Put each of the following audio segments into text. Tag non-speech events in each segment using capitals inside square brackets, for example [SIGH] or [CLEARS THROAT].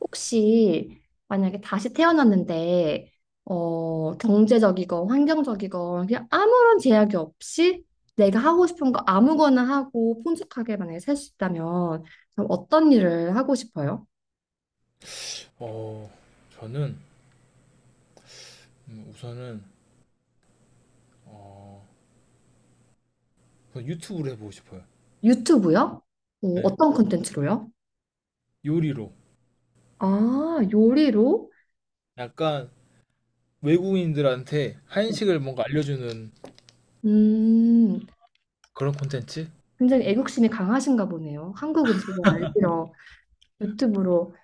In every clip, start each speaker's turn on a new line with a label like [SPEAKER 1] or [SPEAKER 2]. [SPEAKER 1] 혹시 만약에 다시 태어났는데 경제적이건 환경적이건 그냥 아무런 제약이 없이 내가 하고 싶은 거 아무거나 하고 풍족하게 만약에 살 수 있다면 그럼 어떤 일을 하고 싶어요?
[SPEAKER 2] 어, 저는 우선은 어, 우선 유튜브를 해보고 싶어요.
[SPEAKER 1] 유튜브요? 어,
[SPEAKER 2] 네,
[SPEAKER 1] 어떤 콘텐츠로요?
[SPEAKER 2] 요리로.
[SPEAKER 1] 아, 요리로?
[SPEAKER 2] 약간 외국인들한테
[SPEAKER 1] 네.
[SPEAKER 2] 한식을 뭔가 알려주는
[SPEAKER 1] 음,
[SPEAKER 2] 그런 콘텐츠?
[SPEAKER 1] 굉장히 애국심이 강하신가 보네요. 한국 음식을 알리러 유튜브로.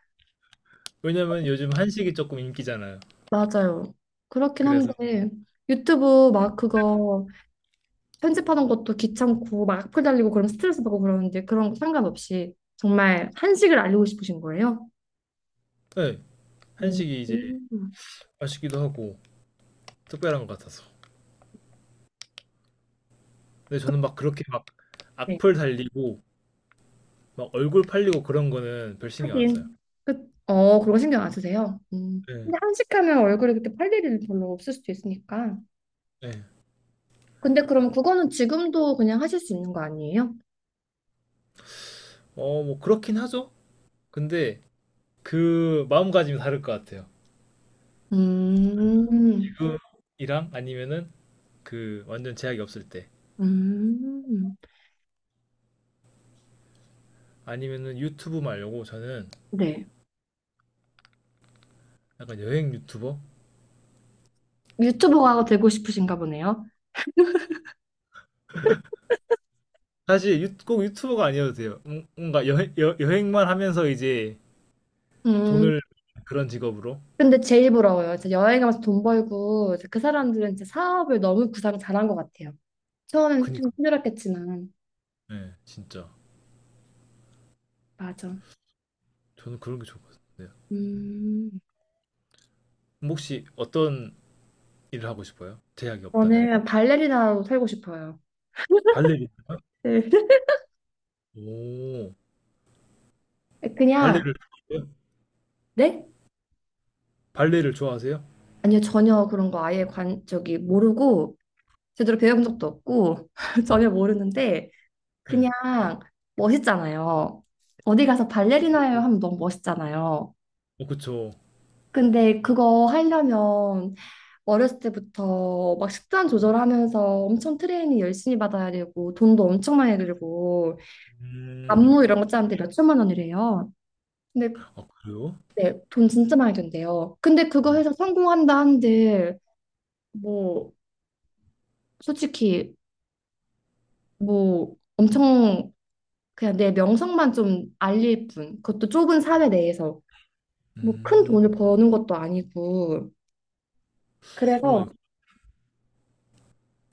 [SPEAKER 2] 왜냐면 요즘 한식이 조금 인기잖아요.
[SPEAKER 1] 맞아요. 그렇긴
[SPEAKER 2] 그래서,
[SPEAKER 1] 한데 유튜브 막 그거 편집하는 것도 귀찮고 막 악플 달리고 그럼 스트레스 받고 그러는데 그런 거 상관없이 정말 한식을 알리고 싶으신 거예요?
[SPEAKER 2] 네,
[SPEAKER 1] 음.
[SPEAKER 2] 한식이 이제
[SPEAKER 1] 음.
[SPEAKER 2] 맛있기도 하고 특별한 것 같아서. 근데 저는 막 그렇게 막
[SPEAKER 1] 네,
[SPEAKER 2] 악플 달리고 막 얼굴 팔리고 그런 거는 별 신경 안 써요.
[SPEAKER 1] 하긴. 그, 그런 거 신경 안 쓰세요? 음.
[SPEAKER 2] 네,
[SPEAKER 1] 근데 한식하면 얼굴에 그렇게 팔 일이 별로 없을 수도 있으니까.
[SPEAKER 2] 네.
[SPEAKER 1] 근데 그럼 그거는 지금도 그냥 하실 수 있는 거 아니에요?
[SPEAKER 2] 뭐 그렇긴 하죠. 근데 그 마음가짐이 다를 것 같아요.
[SPEAKER 1] 음,
[SPEAKER 2] 이랑 아니면은 그 완전 제약이 없을 때,
[SPEAKER 1] 음.
[SPEAKER 2] 아니면은 유튜브 말려고. 저는
[SPEAKER 1] 네.
[SPEAKER 2] 약간 여행 유튜버,
[SPEAKER 1] 유튜버가 되고 싶으신가 보네요.
[SPEAKER 2] 사실 꼭 유튜버가 아니어도 돼요. 뭔가 여행, 여행만 하면서 이제
[SPEAKER 1] 음,
[SPEAKER 2] 돈을, 그런 직업으로.
[SPEAKER 1] 근데 제일 부러워요. 이제 여행 가면서 돈 벌고 이제 그 사람들은 이제 사업을 너무 구상 잘한 것 같아요. 처음엔 좀
[SPEAKER 2] 그니까,
[SPEAKER 1] 힘들었겠지만
[SPEAKER 2] 예, 진짜
[SPEAKER 1] 맞아.
[SPEAKER 2] 저는 그런 게 좋을 것 같아요.
[SPEAKER 1] 음,
[SPEAKER 2] 그럼 혹시 어떤 일을 하고 싶어요? 제약이 없다면.
[SPEAKER 1] 저는 발레리나로 살고 싶어요.
[SPEAKER 2] 발레리나.
[SPEAKER 1] 네.
[SPEAKER 2] 오,
[SPEAKER 1] [LAUGHS] 그냥
[SPEAKER 2] 발레를 좋아하세요?
[SPEAKER 1] 네?
[SPEAKER 2] 발레를 좋아하세요?
[SPEAKER 1] 아니요, 전혀 그런 거 아예 관 저기 모르고 제대로 배워본 적도 없고 [LAUGHS] 전혀 모르는데
[SPEAKER 2] 네.
[SPEAKER 1] 그냥 멋있잖아요. 어디 가서 발레리나예요 하면 너무 멋있잖아요.
[SPEAKER 2] 그쵸.
[SPEAKER 1] 근데 그거 하려면 어렸을 때부터 막 식단 조절하면서 엄청 트레이닝 열심히 받아야 되고 돈도 엄청 많이 들고
[SPEAKER 2] 음,
[SPEAKER 1] 안무 이런 거 짜는데 몇 천만 원이래요. 근데
[SPEAKER 2] 아 그래요?
[SPEAKER 1] 네, 돈 진짜 많이 든대요. 근데 그거
[SPEAKER 2] 음,
[SPEAKER 1] 해서 성공한다 한들 뭐 솔직히 뭐 엄청 그냥 내 명성만 좀 알릴 뿐. 그것도 좁은 사회 내에서 뭐 큰
[SPEAKER 2] 음.
[SPEAKER 1] 돈을 버는 것도 아니고.
[SPEAKER 2] 어,
[SPEAKER 1] 그래서
[SPEAKER 2] 네.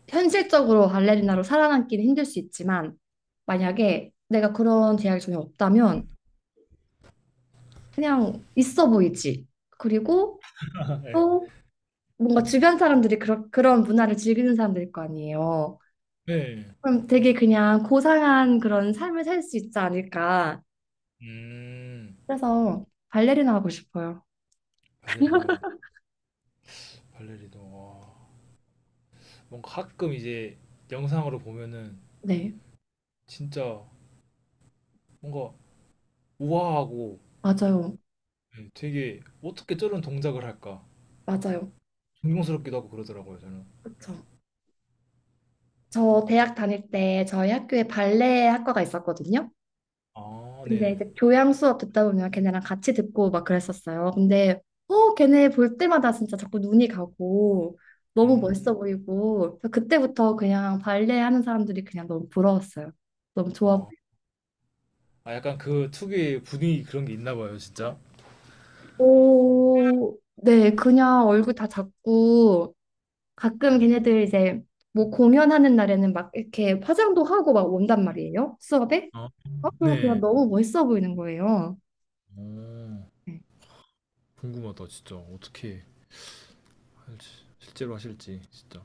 [SPEAKER 1] 현실적으로 발레리나로 살아남기는 힘들 수 있지만 만약에 내가 그런 제약이 전혀 없다면 그냥 있어 보이지. 그리고
[SPEAKER 2] [LAUGHS]
[SPEAKER 1] 또 뭔가 주변 사람들이 그런 문화를 즐기는 사람들일 거 아니에요.
[SPEAKER 2] 네.
[SPEAKER 1] 그럼 되게 그냥 고상한 그런 삶을 살 수 있지 않을까.
[SPEAKER 2] 음,
[SPEAKER 1] 그래서 발레리나 하고 싶어요.
[SPEAKER 2] 발레리노, 발레리노. 와, 뭔가 가끔 이제 영상으로 보면은
[SPEAKER 1] 네,
[SPEAKER 2] 진짜 뭔가 우아하고.
[SPEAKER 1] 맞아요.
[SPEAKER 2] 예, 되게 어떻게 저런 동작을 할까?
[SPEAKER 1] 맞아요.
[SPEAKER 2] 존경스럽기도 하고 그러더라고요, 저는.
[SPEAKER 1] 그쵸. 저 대학 다닐 때 저희 학교에 발레 학과가 있었거든요.
[SPEAKER 2] 아,
[SPEAKER 1] 근데
[SPEAKER 2] 네네.
[SPEAKER 1] 이제 교양 수업 듣다 보면 걔네랑 같이 듣고 막 그랬었어요. 근데 걔네 볼 때마다 진짜 자꾸 눈이 가고 너무
[SPEAKER 2] 음,
[SPEAKER 1] 멋있어 보이고 그래서 그때부터 그냥 발레 하는 사람들이 그냥 너무 부러웠어요. 너무 좋아
[SPEAKER 2] 아,
[SPEAKER 1] 보이고
[SPEAKER 2] 아, 약간 그 특유의 분위기 그런 게 있나 봐요, 진짜.
[SPEAKER 1] 오, 네 그냥 얼굴 다 작고 가끔 걔네들 이제 뭐 공연하는 날에는 막 이렇게 화장도 하고 막 온단 말이에요. 수업에
[SPEAKER 2] 아,
[SPEAKER 1] 그럼 그냥
[SPEAKER 2] 네.
[SPEAKER 1] 너무 멋있어 보이는 거예요.
[SPEAKER 2] 오,
[SPEAKER 1] 네,
[SPEAKER 2] 궁금하다, 진짜. 어떻게 할지, 실제로 하실지, 진짜.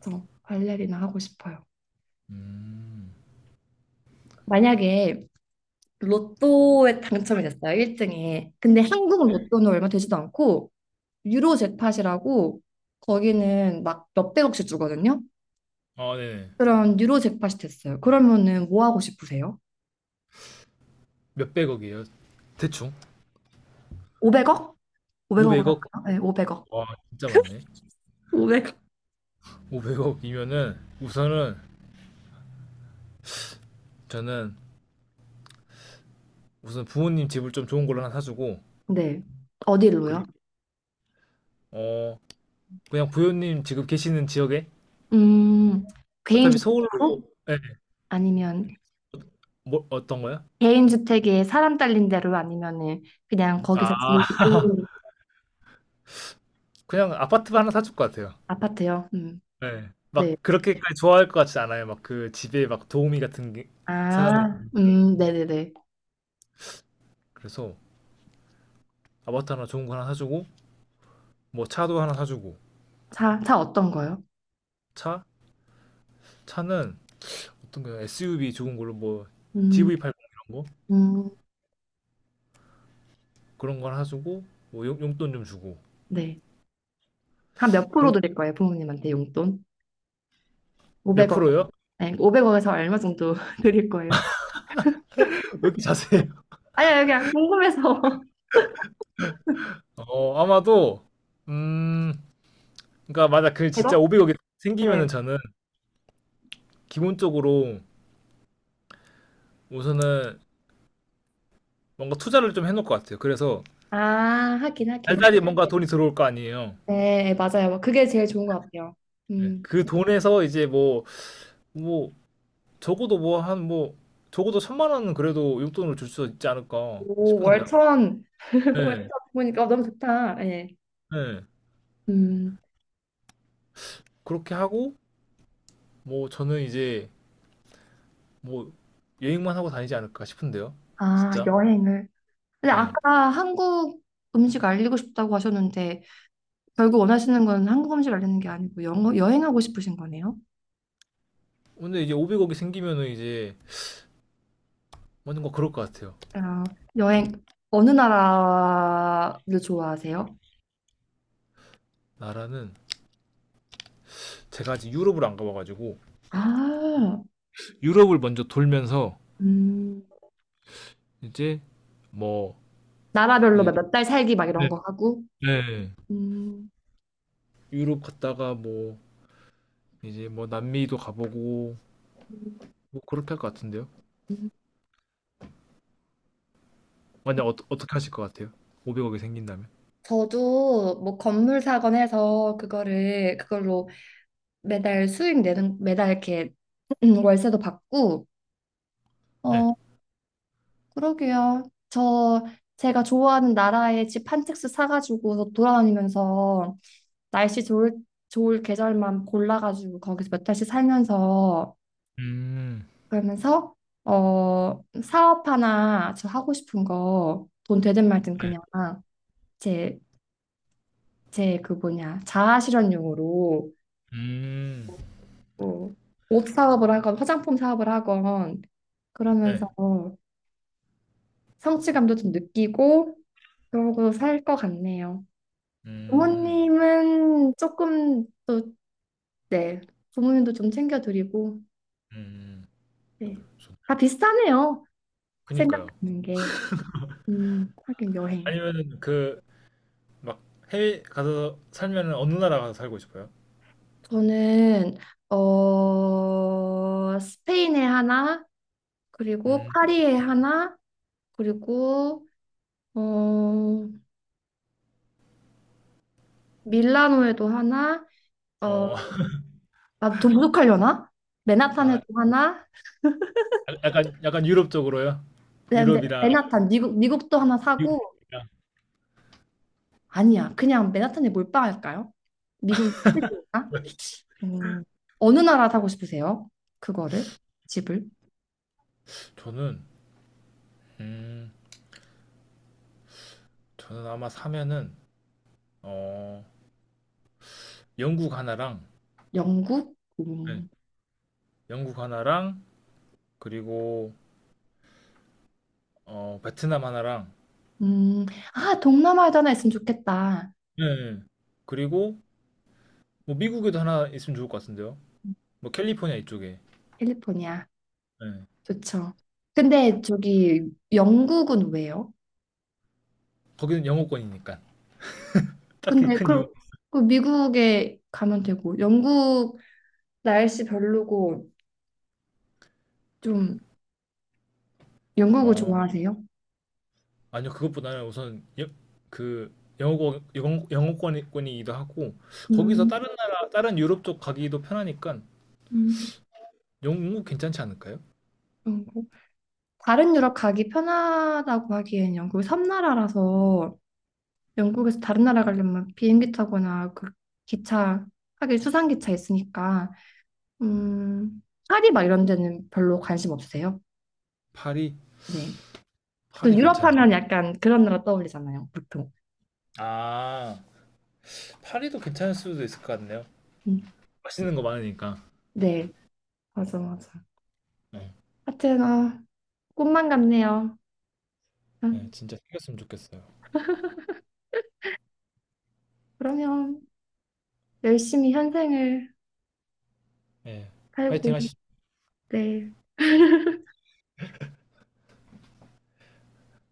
[SPEAKER 1] 저 발레리나 하고 싶어요.
[SPEAKER 2] 음,
[SPEAKER 1] 만약에 로또에 당첨이 됐어요. 1등에. 근데 한국 로또는 얼마 되지도 않고 유로 잭팟이라고 거기는 막 몇백억씩 주거든요.
[SPEAKER 2] 아, 네네.
[SPEAKER 1] 그런 유로 잭팟이 됐어요. 그러면은 뭐 하고 싶으세요?
[SPEAKER 2] 몇백억이에요? 대충?
[SPEAKER 1] 500억? 500억으로
[SPEAKER 2] 500억?
[SPEAKER 1] 할까요? 네, 500억.
[SPEAKER 2] 와, 진짜 많네.
[SPEAKER 1] 500억.
[SPEAKER 2] 500억이면은 우선은 저는, 우선 부모님 집을 좀 좋은 걸로 하나 사주고,
[SPEAKER 1] 네. 어디로요?
[SPEAKER 2] 그리고 어 그냥 부모님 지금 계시는 지역에.
[SPEAKER 1] 음,
[SPEAKER 2] 어차피 서울로.
[SPEAKER 1] 개인주택으로?
[SPEAKER 2] 예,
[SPEAKER 1] 아니면
[SPEAKER 2] 뭐 어떤 거요?
[SPEAKER 1] 개인주택에 사람 딸린 대로 아니면은 그냥 거기서 지
[SPEAKER 2] 아,
[SPEAKER 1] 고
[SPEAKER 2] 그냥 아파트만 하나 사줄 것 같아요.
[SPEAKER 1] 아파트요?
[SPEAKER 2] 네.
[SPEAKER 1] 네.
[SPEAKER 2] 막 그렇게까지 좋아할 것 같지 않아요. 막 그 집에 막 도우미 같은 게- 사람이.
[SPEAKER 1] 아, 네네네.
[SPEAKER 2] 그래서 아파트 하나 좋은 거 하나 사주고, 뭐 차도 하나 사주고.
[SPEAKER 1] 차, 차 어떤 거요?
[SPEAKER 2] 차? 차는 어떤 거요? SUV 좋은 걸로. 뭐
[SPEAKER 1] 음,
[SPEAKER 2] GV80 이런
[SPEAKER 1] 음,
[SPEAKER 2] 그런 걸 하시고, 뭐 돈좀 주고
[SPEAKER 1] 네. 한 몇 프로
[SPEAKER 2] 그렇게.
[SPEAKER 1] 드릴 거예요, 부모님한테 용돈?
[SPEAKER 2] 몇
[SPEAKER 1] 500억.
[SPEAKER 2] 프로요?
[SPEAKER 1] 네, 5억에서 얼마 정도 [LAUGHS] 드릴 거예요?
[SPEAKER 2] [LAUGHS] 왜 이렇게 자세해요? [LAUGHS]
[SPEAKER 1] 아니요, 그냥 궁금해서. [LAUGHS]
[SPEAKER 2] 아마도, 음 그러니까, 맞아, 그
[SPEAKER 1] 1
[SPEAKER 2] 진짜
[SPEAKER 1] 억
[SPEAKER 2] 500억이 생기면은
[SPEAKER 1] 네.
[SPEAKER 2] 저는 기본적으로 우선은 뭔가 투자를 좀 해놓을 것 같아요. 그래서
[SPEAKER 1] 아, 하긴, 하긴.
[SPEAKER 2] 달달이 뭔가 돈이 들어올 거 아니에요.
[SPEAKER 1] 네, 맞아요. 뭐 그게 제일 좋은 것 같아요.
[SPEAKER 2] 네.
[SPEAKER 1] 음,
[SPEAKER 2] 그 돈에서 이제, 뭐, 뭐 적어도, 뭐 한, 뭐 적어도 천만 원은 그래도 용돈으로 줄 수 있지 않을까
[SPEAKER 1] 오,
[SPEAKER 2] 싶은데요.
[SPEAKER 1] 월천. [LAUGHS] 월천
[SPEAKER 2] 네,
[SPEAKER 1] 보니까 너무 좋다. 네.
[SPEAKER 2] 네.
[SPEAKER 1] 음,
[SPEAKER 2] 그렇게 하고, 뭐 저는 이제, 뭐 여행만 하고 다니지 않을까 싶은데요.
[SPEAKER 1] 아,
[SPEAKER 2] 진짜.
[SPEAKER 1] 여행을. 근데
[SPEAKER 2] 네.
[SPEAKER 1] 아까 한국 음식 알리고 싶다고 하셨는데, 결국 원하시는 건 한국 음식 알리는 게 아니고, 영어, 여행하고 싶으신 거네요?
[SPEAKER 2] 근데 이제 500억이 생기면은 이제 뭔가 그럴 것 같아요.
[SPEAKER 1] 아, 여행 어느 나라를 좋아하세요?
[SPEAKER 2] 나라는, 제가 아직 유럽을 안 가봐가지고
[SPEAKER 1] 아,
[SPEAKER 2] 유럽을 먼저 돌면서
[SPEAKER 1] 음,
[SPEAKER 2] 이제, 뭐
[SPEAKER 1] 나라별로
[SPEAKER 2] 이제.
[SPEAKER 1] 몇 달 살기 막
[SPEAKER 2] 네,
[SPEAKER 1] 이런 거 하고.
[SPEAKER 2] 네.
[SPEAKER 1] 음,
[SPEAKER 2] 유럽 갔다가 뭐 이제, 뭐 남미도 가보고,
[SPEAKER 1] 음,
[SPEAKER 2] 뭐 그렇게 할 것 같은데요.
[SPEAKER 1] 음.
[SPEAKER 2] 만약 어떻게 하실 것 같아요? 500억이 생긴다면?
[SPEAKER 1] 저도 뭐 건물 사건 해서 그거를 그걸로 매달 수익 내는 매달 이렇게 [CLEARS THROAT] 월세도 받고
[SPEAKER 2] 네.
[SPEAKER 1] 어 그러게요. 저 제가 좋아하는 나라에 집 한 채씩 사가지고 돌아다니면서 날씨 좋을 좋을 계절만 골라가지고 거기서 몇 달씩 살면서
[SPEAKER 2] 음,
[SPEAKER 1] 그러면서 어, 사업 하나 저 하고 싶은 거 돈 되든 말든
[SPEAKER 2] 네.
[SPEAKER 1] 그냥 제, 제 그 뭐냐 자아 실현용으로
[SPEAKER 2] 음,
[SPEAKER 1] 뭐 옷 사업을 하건 화장품 사업을 하건
[SPEAKER 2] 네.
[SPEAKER 1] 그러면서 성취감도 좀 느끼고 그러고 살 것 같네요.
[SPEAKER 2] 음,
[SPEAKER 1] 부모님은 조금 또 네, 부모님도 좀 챙겨드리고
[SPEAKER 2] 음.
[SPEAKER 1] 네. 다 비슷하네요.
[SPEAKER 2] 그니까요.
[SPEAKER 1] 생각하는 게. 하긴 여행.
[SPEAKER 2] 아니면 그 막 해외 가서 살면은 어느 나라 가서 살고 싶어요?
[SPEAKER 1] 저는 어 스페인에 하나 그리고
[SPEAKER 2] 음,
[SPEAKER 1] 파리에 하나 그리고 어 밀라노에도 하나 어아
[SPEAKER 2] 어, [LAUGHS]
[SPEAKER 1] 더 부족하려나?
[SPEAKER 2] 아,
[SPEAKER 1] 맨하탄에도 하나
[SPEAKER 2] 약간 약간 유럽 쪽으로요?
[SPEAKER 1] 네, 네,
[SPEAKER 2] 유럽이랑
[SPEAKER 1] 맨하탄 미국 미국도 하나 사고
[SPEAKER 2] 미국이랑.
[SPEAKER 1] 아니야 그냥 맨하탄에 몰빵할까요? 미국 시드니까 음 어느 나라 사고 싶으세요? 그거를 집을
[SPEAKER 2] 저는, 음, 저는 아마 사면은 어, 영국 하나랑.
[SPEAKER 1] 영국
[SPEAKER 2] 네, 영국 하나랑, 그리고 베트남 하나랑.
[SPEAKER 1] 음, 아 동남아에도 하나 있으면 좋겠다
[SPEAKER 2] 네, 네. 그리고 뭐 미국에도 하나 있으면 좋을 것 같은데요. 뭐 캘리포니아 이쪽에.
[SPEAKER 1] 캘리포니아.
[SPEAKER 2] 네.
[SPEAKER 1] 좋죠. 근데 저기 영국은 왜요?
[SPEAKER 2] 거기는 영어권이니까. 딱히
[SPEAKER 1] 근데
[SPEAKER 2] 큰 이유.
[SPEAKER 1] 그, 그 미국에 가면 되고 영국 날씨 별로고 좀 영국을
[SPEAKER 2] 어,
[SPEAKER 1] 좋아하세요?
[SPEAKER 2] 아니요, 그것보다는 우선 그 영어권, 영어권이기도 하고 거기서
[SPEAKER 1] 음,
[SPEAKER 2] 다른 나라, 다른 유럽 쪽 가기도 편하니까.
[SPEAKER 1] 음,
[SPEAKER 2] 영국 괜찮지 않을까요?
[SPEAKER 1] 영국. 다른 유럽 가기 편하다고 하기엔 영국 섬나라라서 영국에서 다른 나라 가려면 비행기 타거나 그 기차 하긴 수상기차 있으니까 음, 파리 막 이런 데는 별로 관심 없으세요?
[SPEAKER 2] 파리.
[SPEAKER 1] 네. 보통
[SPEAKER 2] 파리
[SPEAKER 1] 유럽
[SPEAKER 2] 괜찮나?
[SPEAKER 1] 하면 약간 그런 나라 떠올리잖아요, 보통.
[SPEAKER 2] 아, 파리도 괜찮을 수도 있을 것 같네요.
[SPEAKER 1] 음,
[SPEAKER 2] 맛있는 거 많으니까.
[SPEAKER 1] 네, 맞아, 맞아.
[SPEAKER 2] 네.
[SPEAKER 1] 하여튼, 아, 꿈만 같네요. 아,
[SPEAKER 2] 네, 진짜 생겼으면 좋겠어요.
[SPEAKER 1] 그러면 열심히 현생을
[SPEAKER 2] 네,
[SPEAKER 1] 살고,
[SPEAKER 2] 화이팅 하시죠.
[SPEAKER 1] 네,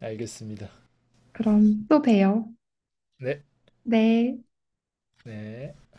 [SPEAKER 2] 알겠습니다.
[SPEAKER 1] 그럼 또 봬요.
[SPEAKER 2] 네,
[SPEAKER 1] 네.
[SPEAKER 2] 네.